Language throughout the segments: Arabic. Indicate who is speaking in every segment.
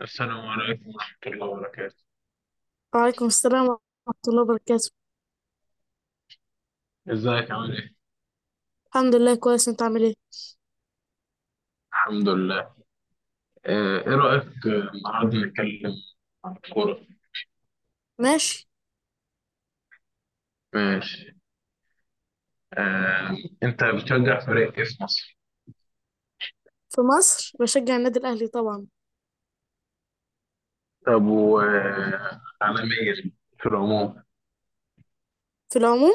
Speaker 1: السلام عليكم ورحمة الله وبركاته.
Speaker 2: وعليكم السلام ورحمة الله وبركاته.
Speaker 1: ازيك عامل ايه؟
Speaker 2: الحمد لله كويس. انت عامل ايه؟
Speaker 1: الحمد لله. ايه رأيك النهارده نتكلم عن الكورة.
Speaker 2: ماشي.
Speaker 1: ماشي. آه، انت بتشجع فريق ايه في مصر؟
Speaker 2: في مصر بشجع النادي الأهلي طبعا.
Speaker 1: طب وعالميا، في العموم،
Speaker 2: في العموم.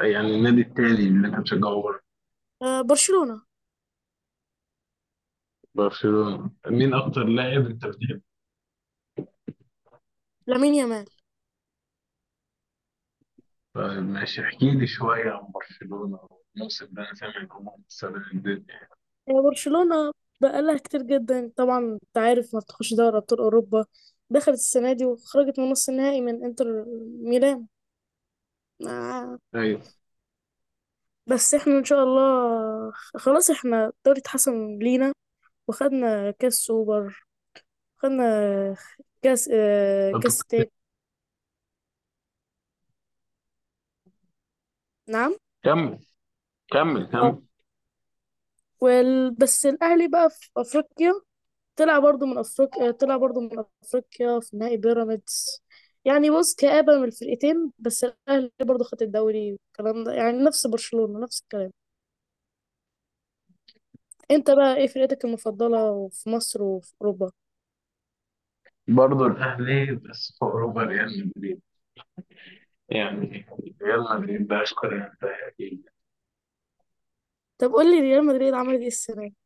Speaker 1: يعني النادي التاني اللي انت بتشجعه بره.
Speaker 2: آه، برشلونة.
Speaker 1: برشلونة، مين اكتر لاعب انت بتحبه؟
Speaker 2: لامين يامال.
Speaker 1: طيب ماشي، احكي لي شوية عن برشلونة الموسم ده، انا سامع ان هم مكسرين الدنيا.
Speaker 2: آه، برشلونة بقالها كتير جدا، طبعا انت عارف ما بتخش دوري أبطال أوروبا. دخلت السنة دي وخرجت من نص النهائي من انتر ميلان. آه.
Speaker 1: ايوه.
Speaker 2: بس احنا ان شاء الله خلاص، احنا الدوري اتحسن لينا وخدنا كاس سوبر. خدنا كاس آه
Speaker 1: طب
Speaker 2: كاس تاني. نعم.
Speaker 1: كمل كمل كمل.
Speaker 2: بس الاهلي بقى في افريقيا، طلع برضو من افريقيا في نهائي بيراميدز. يعني بص، كآبة من الفرقتين. بس الاهلي برضو خد الدوري والكلام ده، يعني نفس برشلونة، نفس الكلام. انت بقى ايه فرقتك المفضلة في مصر وفي اوروبا؟
Speaker 1: برضه الأهلي، بس فوق ربع ريال مدريد، يعني ريال مدريد ده أشكر، يعني ده أكيد.
Speaker 2: طب قول لي ريال مدريد عملت ايه السنة دي؟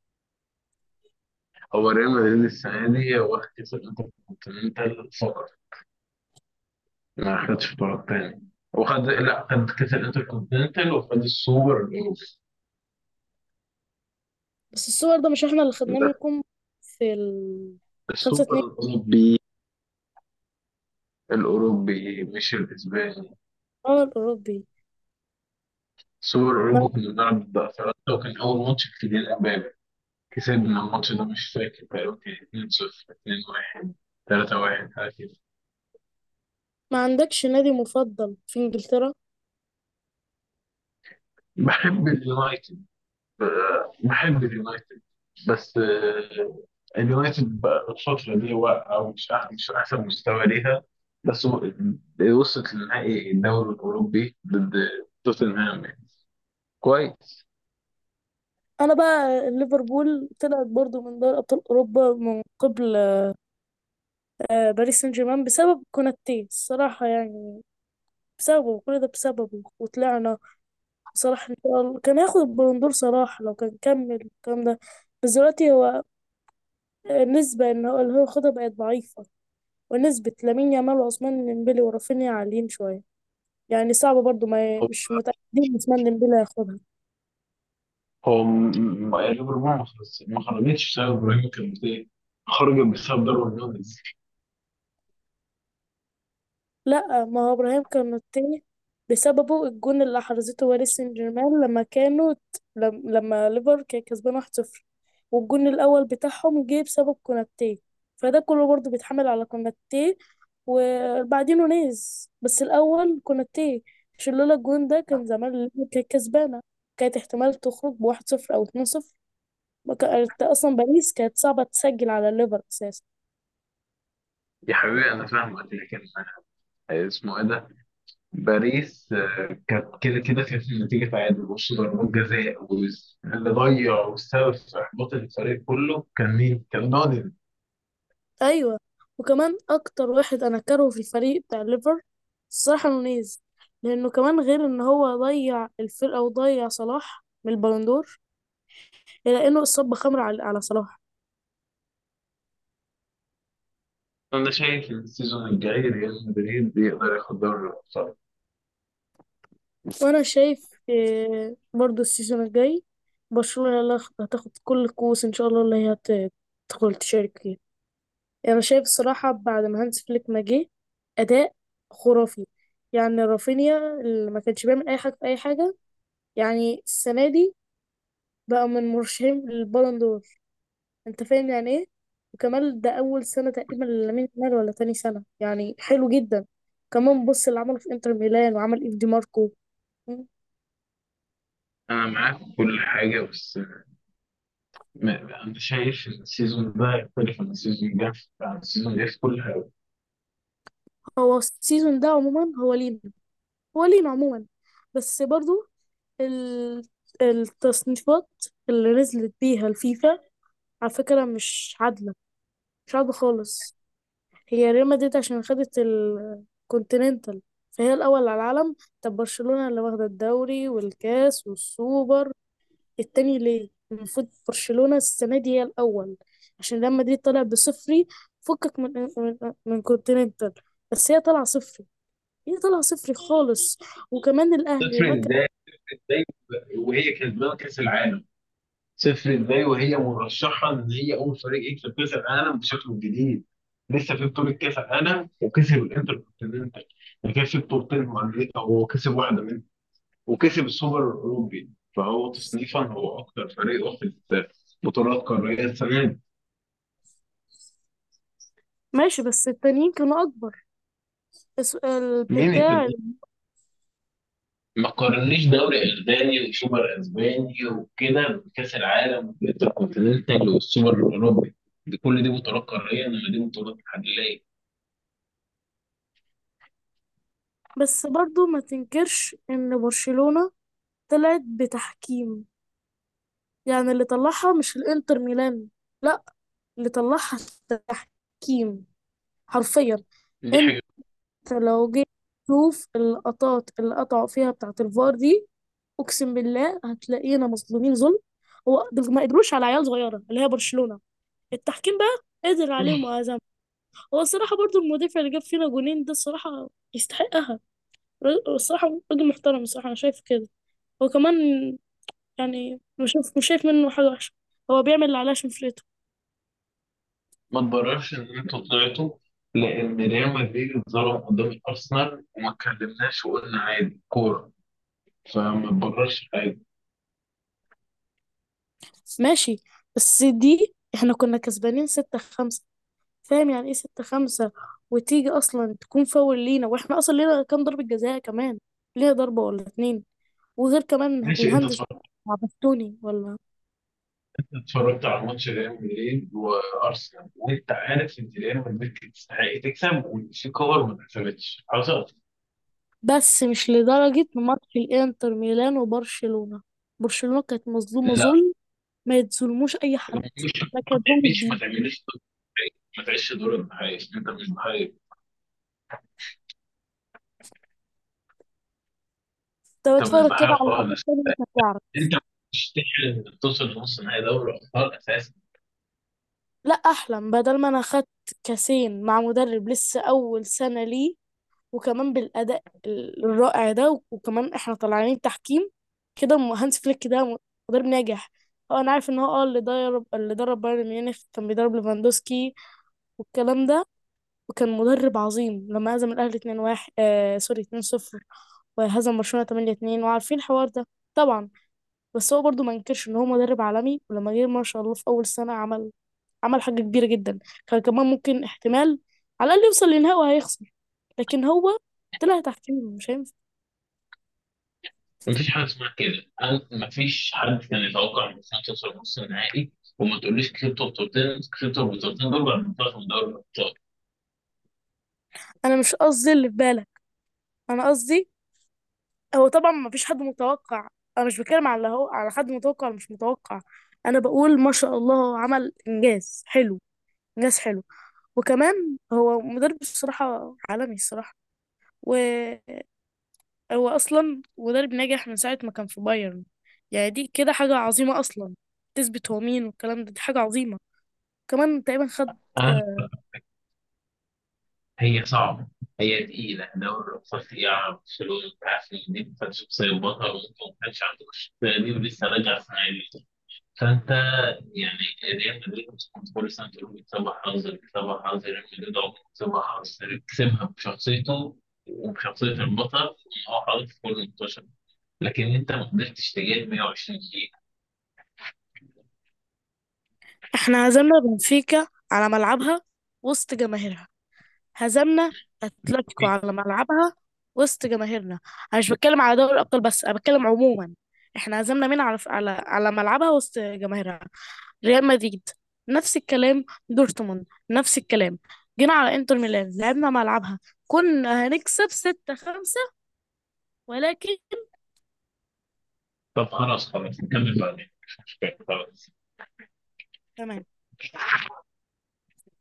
Speaker 1: هو ريال مدريد السنة دي هو واخد كأس الانتركونتيننتال فقط، ما خدش بطولات تاني. وخد، لا، خد كأس الانتركونتيننتال وخد السوبر الأوروبي.
Speaker 2: بس الصور ده مش احنا اللي خدناه
Speaker 1: ده
Speaker 2: منكم في ال 5
Speaker 1: السوبر
Speaker 2: 2
Speaker 1: الأوروبي. الأوروبي مش الأسباني.
Speaker 2: الاوروبي.
Speaker 1: السوبر الأوروبي
Speaker 2: ما...
Speaker 1: كنا بنلعب ضد أفريقيا، وكان أول ماتش في كيليان إمبابي. كسبنا الماتش ده، مش فاكر، تقريبا كان 2-0، 2-1، 3-1، حاجة.
Speaker 2: ما عندكش نادي مفضل في انجلترا؟
Speaker 1: بحب اليونايتد. بحب اليونايتد. بس اليونايتد بقى الفترة دي واقعة، ومش مش أحسن مستوى ليها. بس و- وصلت لنهائي الدوري الأوروبي ضد توتنهام، يعني كويس.
Speaker 2: انا بقى ليفربول، طلعت برضو من دوري ابطال اوروبا من قبل. باريس سان جيرمان بسبب كوناتي الصراحه يعني. بسببه، كل ده بسببه، وطلعنا. صلاح ان شاء الله كان هياخد البالون دور، صلاح لو كان كمل الكلام ده. بس دلوقتي هو النسبه ان هو اللي هو ياخدها بقت ضعيفه، ونسبه لامين يامال وعثمان ديمبلي ورافينيا عاليين شويه. يعني صعب برضو، ما
Speaker 1: هو
Speaker 2: مش متاكدين عثمان ديمبلي هياخدها.
Speaker 1: هو م- ليفربول ما خرجتش بسبب إبراهيم، كان خرجت بسبب ضربة جزاء.
Speaker 2: لا، ما هو ابراهيم كان التاني، بسببه الجون اللي حرزته باريس سان جيرمان لما كانوا. لما ليفر كان كسبان 1-0، والجون الاول بتاعهم جه بسبب كوناتي. فده كله برضه بيتحمل على كوناتي وبعدين نونيز، بس الاول كوناتي. عشان لولا الجون ده كان زمان ليفر كانت كسبانه، كانت احتمال تخرج بواحد صفر او 2-0. ما كان- اصلا باريس كانت صعبه تسجل على ليفر اساسا.
Speaker 1: يا حبيبي أنا فاهمك، لكن اسمه إيه ده، باريس، كانت كده كده، كانت النتيجه تعادل وش ضربات جزاء، واللي ضيع والسبب في احباط الفريق كله كان مين؟ كان نادي.
Speaker 2: ايوه. وكمان اكتر واحد انا كارهه في الفريق بتاع الليفر، الصراحه، نونيز. لانه كمان غير ان هو ضيع الفرقه وضيع صلاح من البالندور، الا انه اصاب بخمره على صلاح.
Speaker 1: انا شايف ان السيزون الجاي ريال مدريد يقدر ياخد دوري الابطال.
Speaker 2: وانا شايف إيه برضو السيزون الجاي؟ برشلونه هي اللي هتاخد كل الكؤوس ان شاء الله، اللي هي هتدخل تشارك فيها. يعني انا شايف الصراحه بعد ما هانز فليك ما جه، اداء خرافي. يعني رافينيا اللي ما كانش بيعمل اي حاجه في اي حاجه، يعني السنه دي بقى من مرشحين للبالون دور. انت فاهم يعني ايه؟ وكمان ده اول سنه تقريبا لامين يامال ولا تاني سنه، يعني حلو جدا. كمان بص اللي عمله في انتر ميلان وعمل ايف دي ماركو.
Speaker 1: انا معاك في كل حاجه، بس انا شايف ان السيزون ده يختلف عن السيزون اللي جه، عن السيزون اللي جه في كل حاجه.
Speaker 2: هو السيزون ده عموما هو لينا، هو لينا عموما. بس برضو ال- التصنيفات اللي نزلت بيها الفيفا على فكره مش عادله، مش عادله خالص. هي ريال مدريد عشان خدت الكونتيننتال فهي الأول على العالم. طب برشلونة اللي واخدة الدوري والكاس والسوبر التاني ليه؟ المفروض برشلونة السنة دي هي الأول. عشان ريال مدريد طلع بصفري، فكك من كونتيننتال. بس هي طالعة صفري، هي طالعة صفري خالص. وكمان الأهلي
Speaker 1: تفرق
Speaker 2: ما كان.
Speaker 1: ازاي؟ ازاي وهي كسبانه كاس العالم؟ صفر ازاي وهي مرشحه ان هي اول فريق يكسب كاس العالم بشكله الجديد؟ لسه في بطوله كاس العالم وكسب الانتركونتيننتال، كسب بطولتين مع امريكا وهو كسب واحده منهم، وكسب السوبر الاوروبي. فهو تصنيفا هو اكثر فريق واخد بطولات قاريه السنه دي.
Speaker 2: ماشي بس التانيين كانوا أكبر، بس
Speaker 1: مين
Speaker 2: البتاع.
Speaker 1: التاني؟ ما قارنيش دوري اسباني وسوبر اسباني وكده بكاس العالم والانتركونتيننتال والسوبر الاوروبي. دي كل دي بطولات قاريه، انما دي بطولات محليه.
Speaker 2: بس برضو ما تنكرش إن برشلونة طلعت بتحكيم. يعني اللي طلعها مش الانتر ميلان، لا، اللي طلعها التحكيم حرفيا.
Speaker 1: دي
Speaker 2: انت
Speaker 1: حاجه.
Speaker 2: لو جيت تشوف اللقطات اللي قطعوا فيها بتاعة الفار دي، اقسم بالله هتلاقينا مظلومين ظلم. هو دول ما قدروش على عيال صغيرة اللي هي برشلونة، التحكيم بقى قدر عليهم وهزم. هو الصراحة برضو المدافع اللي جاب فينا جونين ده، الصراحة يستحقها. الصراحة راجل محترم، الصراحة أنا شايف كده. هو كمان يعني مش شايف منه حاجة وحشة، هو بيعمل اللي عليه عشان فرقته.
Speaker 1: ما تبررش ان انتوا طلعتوا، لان ريال مدريد اتظلم قدام ارسنال وما اتكلمناش وقلنا عادي كوره، فما تبررش حاجه.
Speaker 2: ماشي، بس دي احنا كنا كسبانين 6-5، فاهم يعني ايه 6-5؟ وتيجي اصلا تكون فاول لينا، واحنا اصلا لينا كام ضربة جزاء كمان، لينا ضربة ولا اتنين. وغير كمان
Speaker 1: ماشي، انت
Speaker 2: الهندس
Speaker 1: اتفرجت؟
Speaker 2: بتاع بستوني ولا.
Speaker 1: اتفرجت على ماتش ريال مدريد وارسنال؟ وانت عارف ان ريال مدريد كانت تستحق تكسب، وان في كور ما اتحسبتش حصلت.
Speaker 2: بس مش لدرجة ماتش الانتر ميلان وبرشلونة، برشلونة كانت مظلومة
Speaker 1: لا،
Speaker 2: ظلم. ما يتظلموش اي حد،
Speaker 1: مش
Speaker 2: ما كانت ظلم
Speaker 1: ما
Speaker 2: جديد.
Speaker 1: تعملش دور الضحية. ما تعيش دور الضحيه، انت مش ضحيه.
Speaker 2: طب
Speaker 1: انت مش
Speaker 2: اتفرج
Speaker 1: ضحيه
Speaker 2: كده على الأطفال
Speaker 1: خالص.
Speaker 2: تاني انت هتعرف.
Speaker 1: انت مش تحلم انك توصل لنص نهائي دوري ابطال اساسا.
Speaker 2: لا، احلم بدل ما انا خدت كاسين مع مدرب لسه اول سنة ليه، وكمان بالأداء الرائع ده، وكمان احنا طالعين تحكيم كده. هانس فليك ده مدرب ناجح. اه، انا عارف ان هو اللي درب بايرن ميونخ، كان بيدرب ليفاندوسكي والكلام ده. وكان مدرب عظيم لما هزم الاهلي 2-1، سوري 2-0. وهزم برشلونة 8-2، وعارفين الحوار ده طبعا. بس هو برضو ما انكرش ان هو مدرب عالمي. ولما جه ما شاء الله في اول سنة، عمل عمل حاجة كبيرة جدا. كان كمان ممكن احتمال على الاقل يوصل لنهائي وهيخسر. لكن هو طلع تحكيم، مش هينفع.
Speaker 1: مفيش حاجه اسمها كده. مفيش حد كان يتوقع ان برشلونه توصل نص النهائي، وما تقوليش كسبته بطولتين. كسبته بطولتين دول بعد ما طلعت من دوري الابطال.
Speaker 2: انا مش قصدي اللي في بالك، انا قصدي هو طبعا ما فيش حد متوقع. انا مش بتكلم على اللي هو على حد متوقع ولا مش متوقع، انا بقول ما شاء الله هو عمل انجاز حلو، انجاز حلو. وكمان هو مدرب الصراحه عالمي الصراحه، وهو اصلا مدرب ناجح من ساعه ما كان في بايرن. يعني دي كده حاجه عظيمه اصلا، تثبت هو مين والكلام ده، دي حاجه عظيمه كمان تقريبا خد.
Speaker 1: أنا- هي صعبه، هي تقيله دوري الابطال، تقيله على برشلونه. انت عارف ان دي كانت شخصيه بطل، وانت ما كانش عندك الشخصيه دي، ولسه راجع السنه دي. فانت يعني، ريال مدريد مش كل سنه تقول بيكسبها حظ. بيكسبها حظ؟ ريال مدريد عمره ما كسبها حظ، كسبها بشخصيته وبشخصيه البطل، ان هو حاطط في كل ماتش. لكن انت ما قدرتش تجيب 120 دقيقه.
Speaker 2: احنا هزمنا بنفيكا على ملعبها وسط جماهيرها، هزمنا اتلتيكو على ملعبها وسط جماهيرنا. انا مش بتكلم على دوري الابطال بس، انا بتكلم عموما. احنا هزمنا مين على ملعبها وسط جماهيرها؟ ريال مدريد، نفس الكلام. دورتموند، نفس الكلام. جينا على انتر ميلان لعبنا ملعبها، كنا هنكسب 6-5، ولكن.
Speaker 1: طب خلاص، خلاص نكمل بعدين، مش مشكله، خلاص.
Speaker 2: تمام.